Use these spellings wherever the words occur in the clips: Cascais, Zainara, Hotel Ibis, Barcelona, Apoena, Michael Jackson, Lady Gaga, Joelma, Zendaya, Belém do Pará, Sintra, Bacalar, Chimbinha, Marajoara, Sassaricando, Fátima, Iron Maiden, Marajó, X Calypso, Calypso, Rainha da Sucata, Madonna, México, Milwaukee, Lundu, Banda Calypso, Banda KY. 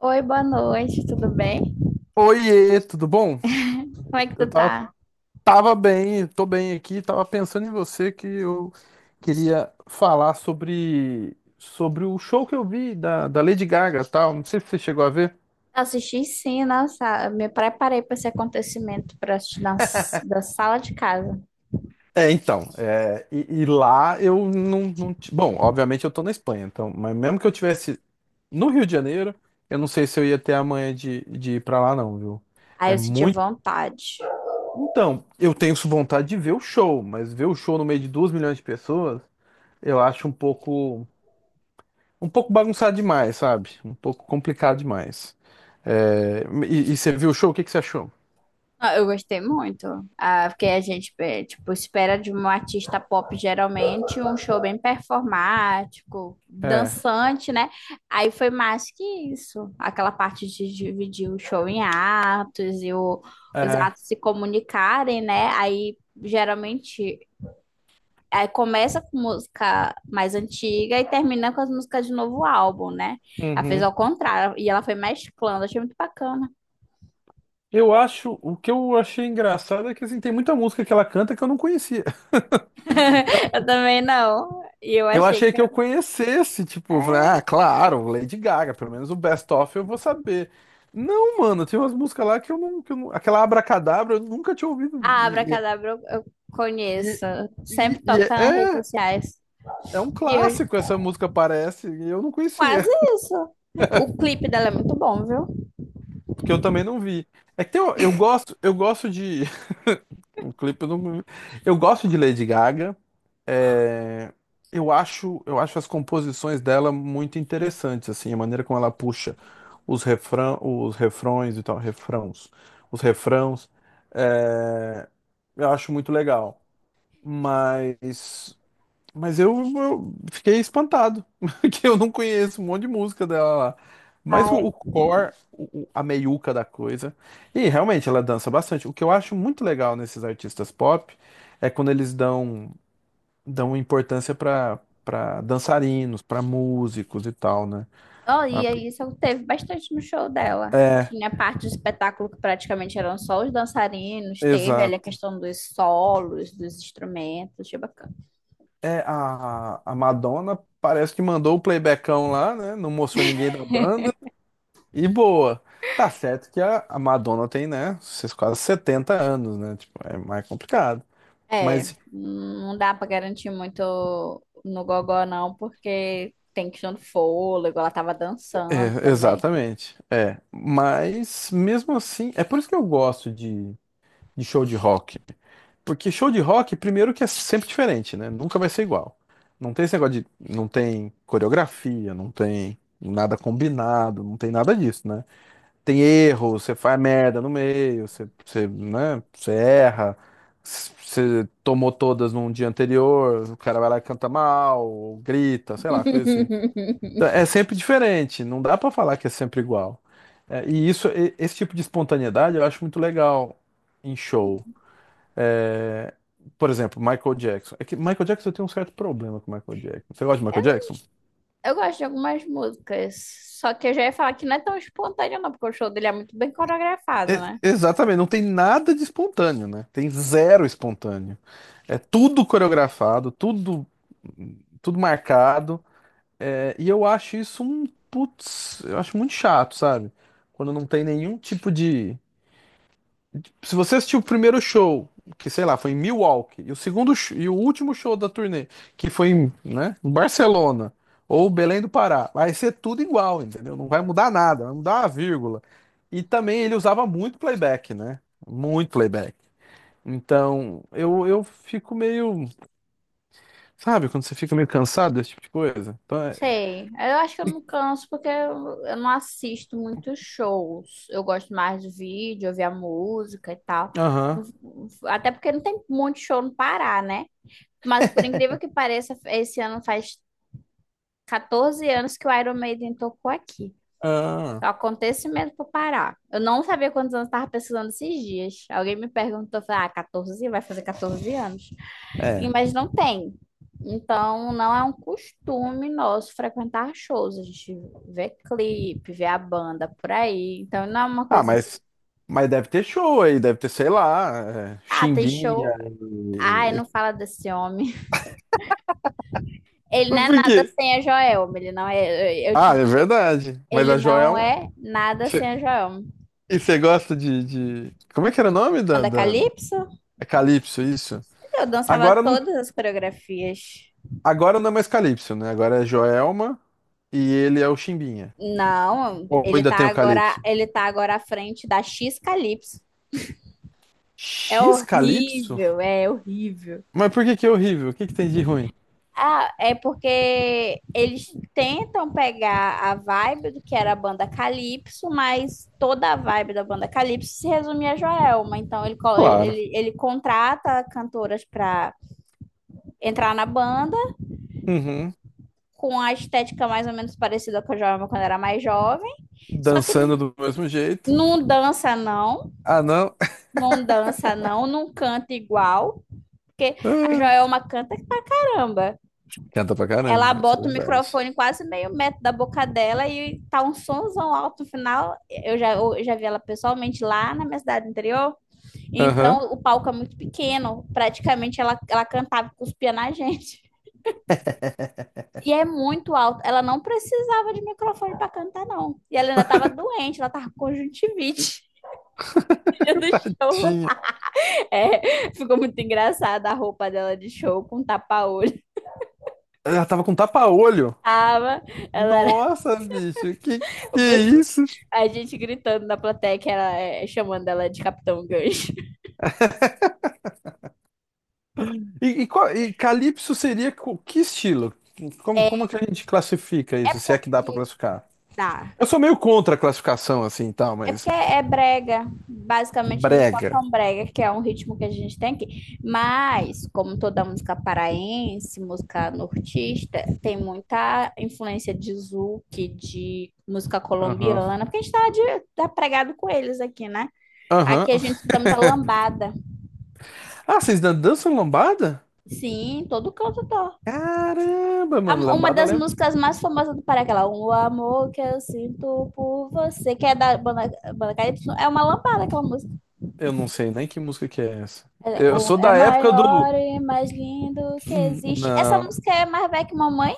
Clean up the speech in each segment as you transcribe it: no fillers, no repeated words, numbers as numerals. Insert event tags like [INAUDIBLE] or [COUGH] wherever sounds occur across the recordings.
Oi, boa noite, tudo bem? Oiê, tudo bom? Como é que Eu tu tava, tá? tava bem, tô bem aqui, tava pensando em você que eu queria falar sobre o show que eu vi da Lady Gaga, tal, não sei se você chegou a ver. Assisti sim, nossa, me preparei para esse acontecimento para assistir da sala de casa. É, então, lá eu não, bom, obviamente eu tô na Espanha, então, mas mesmo que eu tivesse no Rio de Janeiro, eu não sei se eu ia ter a manha de ir pra lá não, viu? É Aí eu senti muito... vontade. Então, eu tenho vontade de ver o show, mas ver o show no meio de 2 milhões de pessoas, eu acho um pouco bagunçado demais, sabe? Um pouco complicado demais. É, e você viu o show? O que que você achou? Eu gostei muito, porque a gente, tipo, espera de um artista pop geralmente um show bem performático, É, dançante, né? Aí foi mais que isso, aquela parte de dividir o show em atos os é. atos se comunicarem, né? Geralmente Aí começa com música mais antiga e termina com as músicas de novo álbum, né? Ela fez Uhum. ao contrário, e ela foi mesclando, achei muito bacana. Eu acho, o que eu achei engraçado é que assim, tem muita música que ela canta que eu não conhecia. [LAUGHS] [LAUGHS] Eu também não. E eu Eu achei achei que. que Eu- eu conhecesse, tipo, eu falei, ah, É. claro, Lady Gaga, pelo menos o Best Of eu vou saber. Não, mano, tem umas músicas lá que eu não, aquela Abracadabra eu nunca tinha ouvido. A Abracadabra eu conheço. e, e, e- Sempre e toca nas redes é, sociais. é um E eu clássico essa música, parece, e eu não quase conhecia. isso. O clipe dela é muito bom, viu? Que eu também não vi. É que tem, um, eu gosto de [LAUGHS] um clipe, não, eu gosto de Lady Gaga. É, eu acho as composições dela muito interessantes, assim, a maneira como ela puxa os refrão, os refrões e tal, refrãos, os refrãos, é, eu acho muito legal. Mas mas eu fiquei espantado, [LAUGHS] que eu não conheço um monte de música dela lá. Mas Ah, o core, o- a meiuca da coisa. E realmente ela dança bastante. O que eu acho muito legal nesses artistas pop é quando eles dão importância para dançarinos, para músicos e tal, né? Oh, A- e aí isso teve bastante no show dela. É, Tinha parte do espetáculo que praticamente eram só os dançarinos, teve ali a exato. questão dos solos, dos instrumentos, achei bacana. É, a Madonna parece que mandou o playbackão lá, né? Não mostrou ninguém da banda. E boa. Tá certo que a Madonna tem, né, esses quase 70 anos, né? Tipo, é mais complicado. É, Mas, não dá pra garantir muito no gogó não, porque tem questão do fôlego, ela tava dançando é, também. exatamente. É. Mas, mesmo assim, é por isso que eu gosto de show de rock. Porque show de rock, primeiro que é sempre diferente, né? Nunca vai ser igual. Não tem esse negócio de. Não tem coreografia, não tem nada combinado, não tem nada disso, né? Tem erro, você faz merda no meio, você erra, você tomou todas num dia anterior, o cara vai lá e canta mal, ou grita, sei lá, coisa assim. Então, [LAUGHS] é sempre diferente, não dá pra falar que é sempre igual. É, e isso, esse tipo de espontaneidade eu acho muito legal em show. É, por exemplo, Michael Jackson. É que Michael Jackson eu tenho um certo problema com Michael Jackson. Você gosta de Michael Jackson? Eu gosto de algumas músicas, só que eu já ia falar que não é tão espontâneo não, porque o show dele é muito bem coreografado, né? Exatamente, não tem nada de espontâneo, né? Tem zero espontâneo. É tudo coreografado, tudo, tudo marcado. É, e eu acho isso um, putz, eu acho muito chato, sabe? Quando não tem nenhum tipo de, se você assistiu o primeiro show, que sei lá, foi em Milwaukee, e o último show da turnê, que foi em, né, em Barcelona ou Belém do Pará, vai ser tudo igual, entendeu? Não vai mudar nada, vai mudar uma vírgula. E também ele usava muito playback, né? Muito playback. Então, eu fico meio, sabe, quando você fica meio cansado desse tipo de coisa. Sei. Eu acho que eu não canso porque eu não assisto muitos shows. Eu gosto mais de vídeo, ouvir a música e tal. Aham. Não- Até porque não tem muito show no Pará, né? Mas por incrível que pareça, esse ano faz 14 anos que o Iron Maiden tocou aqui. Ah, É um acontecimento pro Pará. Eu não sabia quantos anos eu tava pesquisando esses dias. Alguém me perguntou, eu falei, ah, 14? Vai fazer 14 anos. É. Mas não tem. Então, não é um costume nosso frequentar shows. A gente vê clipe, vê a banda por aí. Então, não é uma Ah, coisa que. mas deve ter show aí, deve ter, sei lá, é, Ah, tem Chimbinha, show. Ai, e não fala desse homem. [LAUGHS] Ele não mas é por nada quê? sem a Joelma. Ele não é. Eu Ah, te... é verdade. Mas Ele a Joel. É não um- é nada sem Cê- a Joelma. E você gosta de, de. como é que era o nome da, Banda da. Calypso? é Calypso, isso? Eu dançava Agora não, todas as coreografias. agora não é mais Calypso, né? Agora é Joelma e ele é o Chimbinha. Não, Ou ainda tem o Calypso? ele tá agora à frente da X Calypso. É X Calypso? horrível, é horrível. Mas por que que é horrível? O que que tem de ruim? Ah, é porque eles tentam pegar a vibe do que era a banda Calypso, mas toda a vibe da banda Calypso se resume a Joelma. Então Claro. Ele contrata cantoras para entrar na banda Uhum. com a estética mais ou menos parecida com a Joelma quando era mais jovem, só que Dançando do mesmo jeito. não dança não, Ah, não. não dança [LAUGHS] não, não canta igual, porque a Joelma canta pra caramba. Canta pra Ela caramba, isso é bota o verdade. microfone quase meio metro da boca dela e tá um somzão alto no final. Eu já vi ela pessoalmente lá na minha cidade interior. Aham. Então o palco é muito pequeno. Praticamente ela cantava e cuspia na [LAUGHS] gente. [LAUGHS] E é muito alto. Ela não precisava de microfone para cantar, não. E ela ainda tava doente, ela tava com conjuntivite. [LAUGHS] Então, Tadinha. é, ficou muito engraçada a roupa dela de show com tapa-olho. Ela tava com tapa-olho. Tava, ela Nossa, bicho, que Eu é penso- isso? a gente gritando na plateia, que ela é, chamando ela de Capitão Gancho. E Calypso seria que estilo? Como, É, como que a gente classifica é isso, se é que dá pra porque classificar? dá. Eu sou meio contra a classificação assim, e tal, É mas porque é brega. Basicamente, eles brega. tocam brega, que é um ritmo que a gente tem aqui. Mas, como toda música paraense, música nortista, tem muita influência de zouk, de música Aham. colombiana, porque a gente tá, de, tá pregado com eles aqui, né? Aham. Aqui a gente escuta muita [LAUGHS] lambada. Ah, vocês dançam lambada? Sim, em todo canto toca. Caramba, mano, Uma lambada eu das lembro. músicas mais famosas do Pará, aquela O Amor Que Eu Sinto Por Você, que é da banda KY, é uma lambada aquela música. Eu não sei nem que música que é essa. É, Eu o sou é da época do. maior e mais lindo que existe. Essa Não. música é mais velha que mamãe?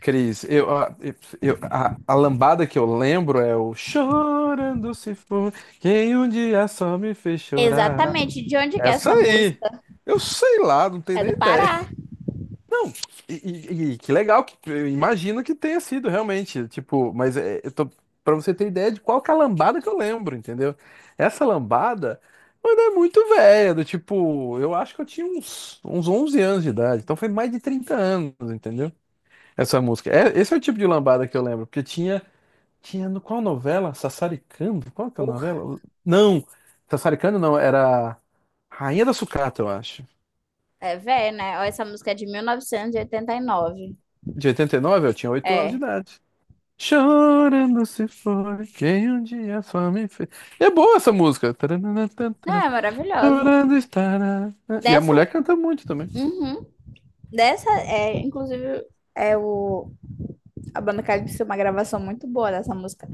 Cris, a lambada que eu lembro é o Chorando se for, quem um dia só me fez chorar. Exatamente. De onde que é Essa essa aí. música? Eu sei lá, não tenho É nem do ideia. Pará. Não, e que legal que eu imagino que tenha sido realmente, tipo, mas é, eu tô para você ter ideia de qual que é a lambada que eu lembro, entendeu? Essa lambada, mano, é muito velha, do tipo, eu acho que eu tinha uns 11 anos de idade, então foi mais de 30 anos, entendeu? Essa música. É, esse é o tipo de lambada que eu lembro, porque tinha, no qual novela? Sassaricando? Qual que é a Por. novela? Não, Sassaricando não, era Rainha da Sucata, eu acho. É velha, né? Ó, essa música é de 1989. De 89 eu tinha 8 anos de É. idade. Chorando se foi quem um dia só me fez. E é boa essa música. Não, Tarananatantara, é maravilhosa. Chorando estará. E a Dessa, mulher canta muito também. uhum. Dessa, é, é o, a banda calypso uma gravação muito boa dessa música.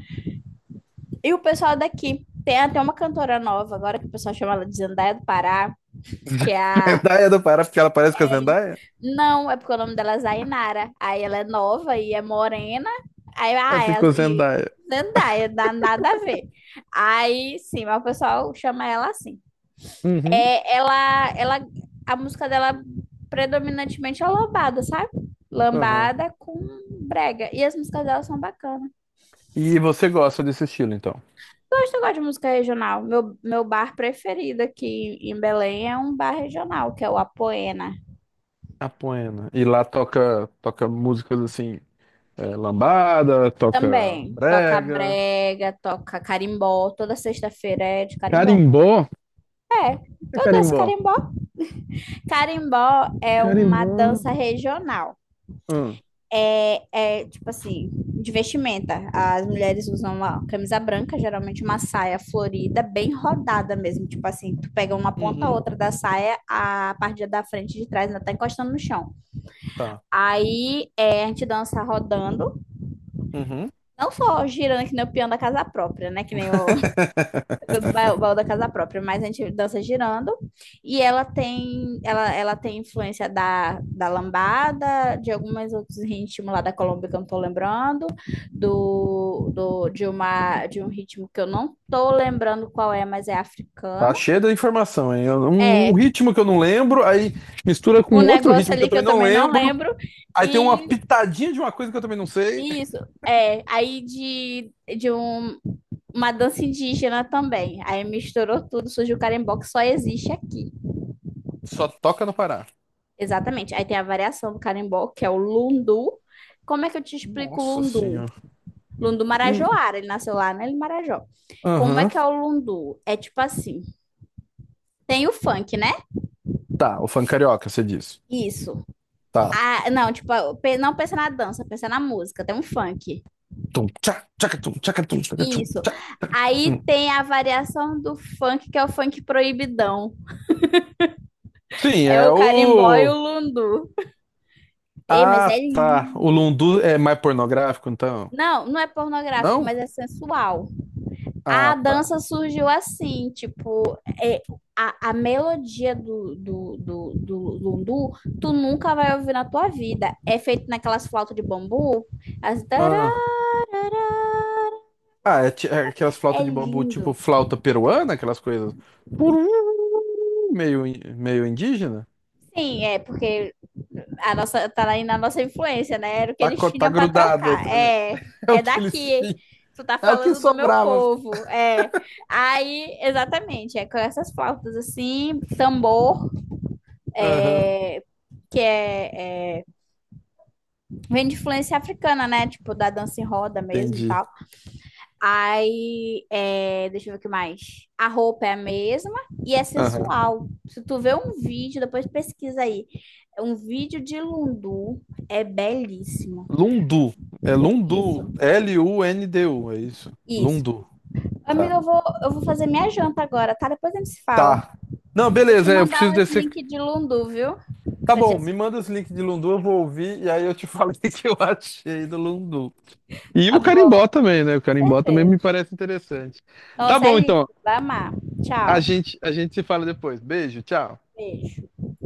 E o pessoal daqui. Tem até uma cantora nova agora que o pessoal chama ela de Zendaya do Pará, que é [LAUGHS] a. Zendaya do Pará, porque ela parece com a Zendaya? Não, é porque o nome dela é Zainara. Aí ela é nova e é morena. Aí, Ela ah, é a- ficou e Zendaya. Zendaya, dá nada a ver. Aí, sim, mas o pessoal chama ela assim. Uhum, É, a música dela predominantemente é lambada, sabe? uhum. Lambada com brega. E as músicas dela são bacanas. E você gosta desse estilo, então? Gosto, eu gosto de música regional. Meu bar preferido aqui em Belém é um bar regional, que é o Apoena. Apoena. E lá toca, toca músicas assim, é, lambada, toca Também toca brega. brega, toca carimbó. Toda sexta-feira é de carimbó. Carimbó? O É, que é eu danço carimbó? carimbó. Carimbó é uma Carimbó não. dança regional. Ah, É, é tipo assim, de vestimenta. As mulheres usam uma camisa branca, geralmente uma saia florida, bem rodada mesmo. Tipo assim, tu pega uma ponta a uhum. outra da saia, a parte da frente e de trás ainda tá encostando no chão. Tá. Aí é, a gente dança rodando, Uhum. não só girando que nem o peão da casa própria, né? Que nem o, [LAUGHS] baú da casa própria, mas a gente dança girando. Ela tem influência da lambada, de alguns outros ritmos lá da Colômbia que eu não tô lembrando, de um ritmo que eu não tô lembrando qual é, mas é Tá africano. cheio da informação, hein? Um É, ritmo que eu não lembro, aí mistura um com outro negócio ritmo que ali eu que eu também não também não lembro. lembro. Aí tem uma E pitadinha de uma coisa que eu também não sei. e isso, de um uma dança indígena também. Aí misturou tudo, surgiu o carimbó que só existe aqui. Só toca no Pará. Exatamente. Aí tem a variação do carimbó, que é o lundu. Como é que eu te explico o Nossa lundu? senhora. Lundu Hum, Marajoara, ele nasceu lá, né? Ele Marajó. Como é Aham. que é o lundu? É tipo assim, tem o funk, né? Tá, o funk carioca, você diz. Isso. Tá. Ah, não, tipo, não pensa na dança, pensa na música, tem um funk. Tum, tchá, tchacatum, tchacatum, tchacatum, Isso. tchá. Aí tem a variação do funk, que é o funk proibidão. Sim, É é o carimbó e o o. lundu. Ei, mas é Ah, tá. O lindo. Lundu é mais pornográfico, então? Não, não é pornográfico, Não? mas é sensual. A Ah, tá. dança surgiu assim, tipo, é, a melodia do lundu, tu nunca vai ouvir na tua vida. É feito naquelas flautas de bambu, as tará, Ah, é aquelas é flautas de bambu, tipo lindo. flauta peruana, aquelas coisas. Puru, meio, meio indígena. Sim, é porque a nossa tá aí na nossa influência, né? Era o que Tá, eles tá tinham para grudado aí trocar. também. É, [LAUGHS] É o é que eles daqui. tinham. Tu tá É o que falando do meu sobrava. povo. É. Aí, exatamente, é com essas flautas assim, tambor, Aham, é, que é, é, vem de influência africana, né? Tipo, da dança em roda mesmo e entendi. tal. Aí, é, deixa eu ver o que mais. A roupa é a mesma e é Aham. sensual. Se tu vê um vídeo, depois pesquisa aí. Um vídeo de Lundu é belíssimo. Lundu. É Lundu. Isso, Lundu, é isso. isso. Lundu. Tá. Amiga, eu vou fazer minha janta agora, tá? Depois a gente se fala. Tá. Não, Vou te beleza, é, eu mandar preciso uns descer. links de Lundu, viu? Tá Pra te bom, me assistir. manda os links de Lundu, eu vou ouvir e aí eu te falo [LAUGHS] o que que eu achei do Lundu. E Tá o bom, carimbó também, né? O com carimbó também certeza. me parece interessante. Tá Nossa, é bom, lindo. então. Vai amar. A Tchau. gente, a gente se fala depois. Beijo, tchau. Beijo.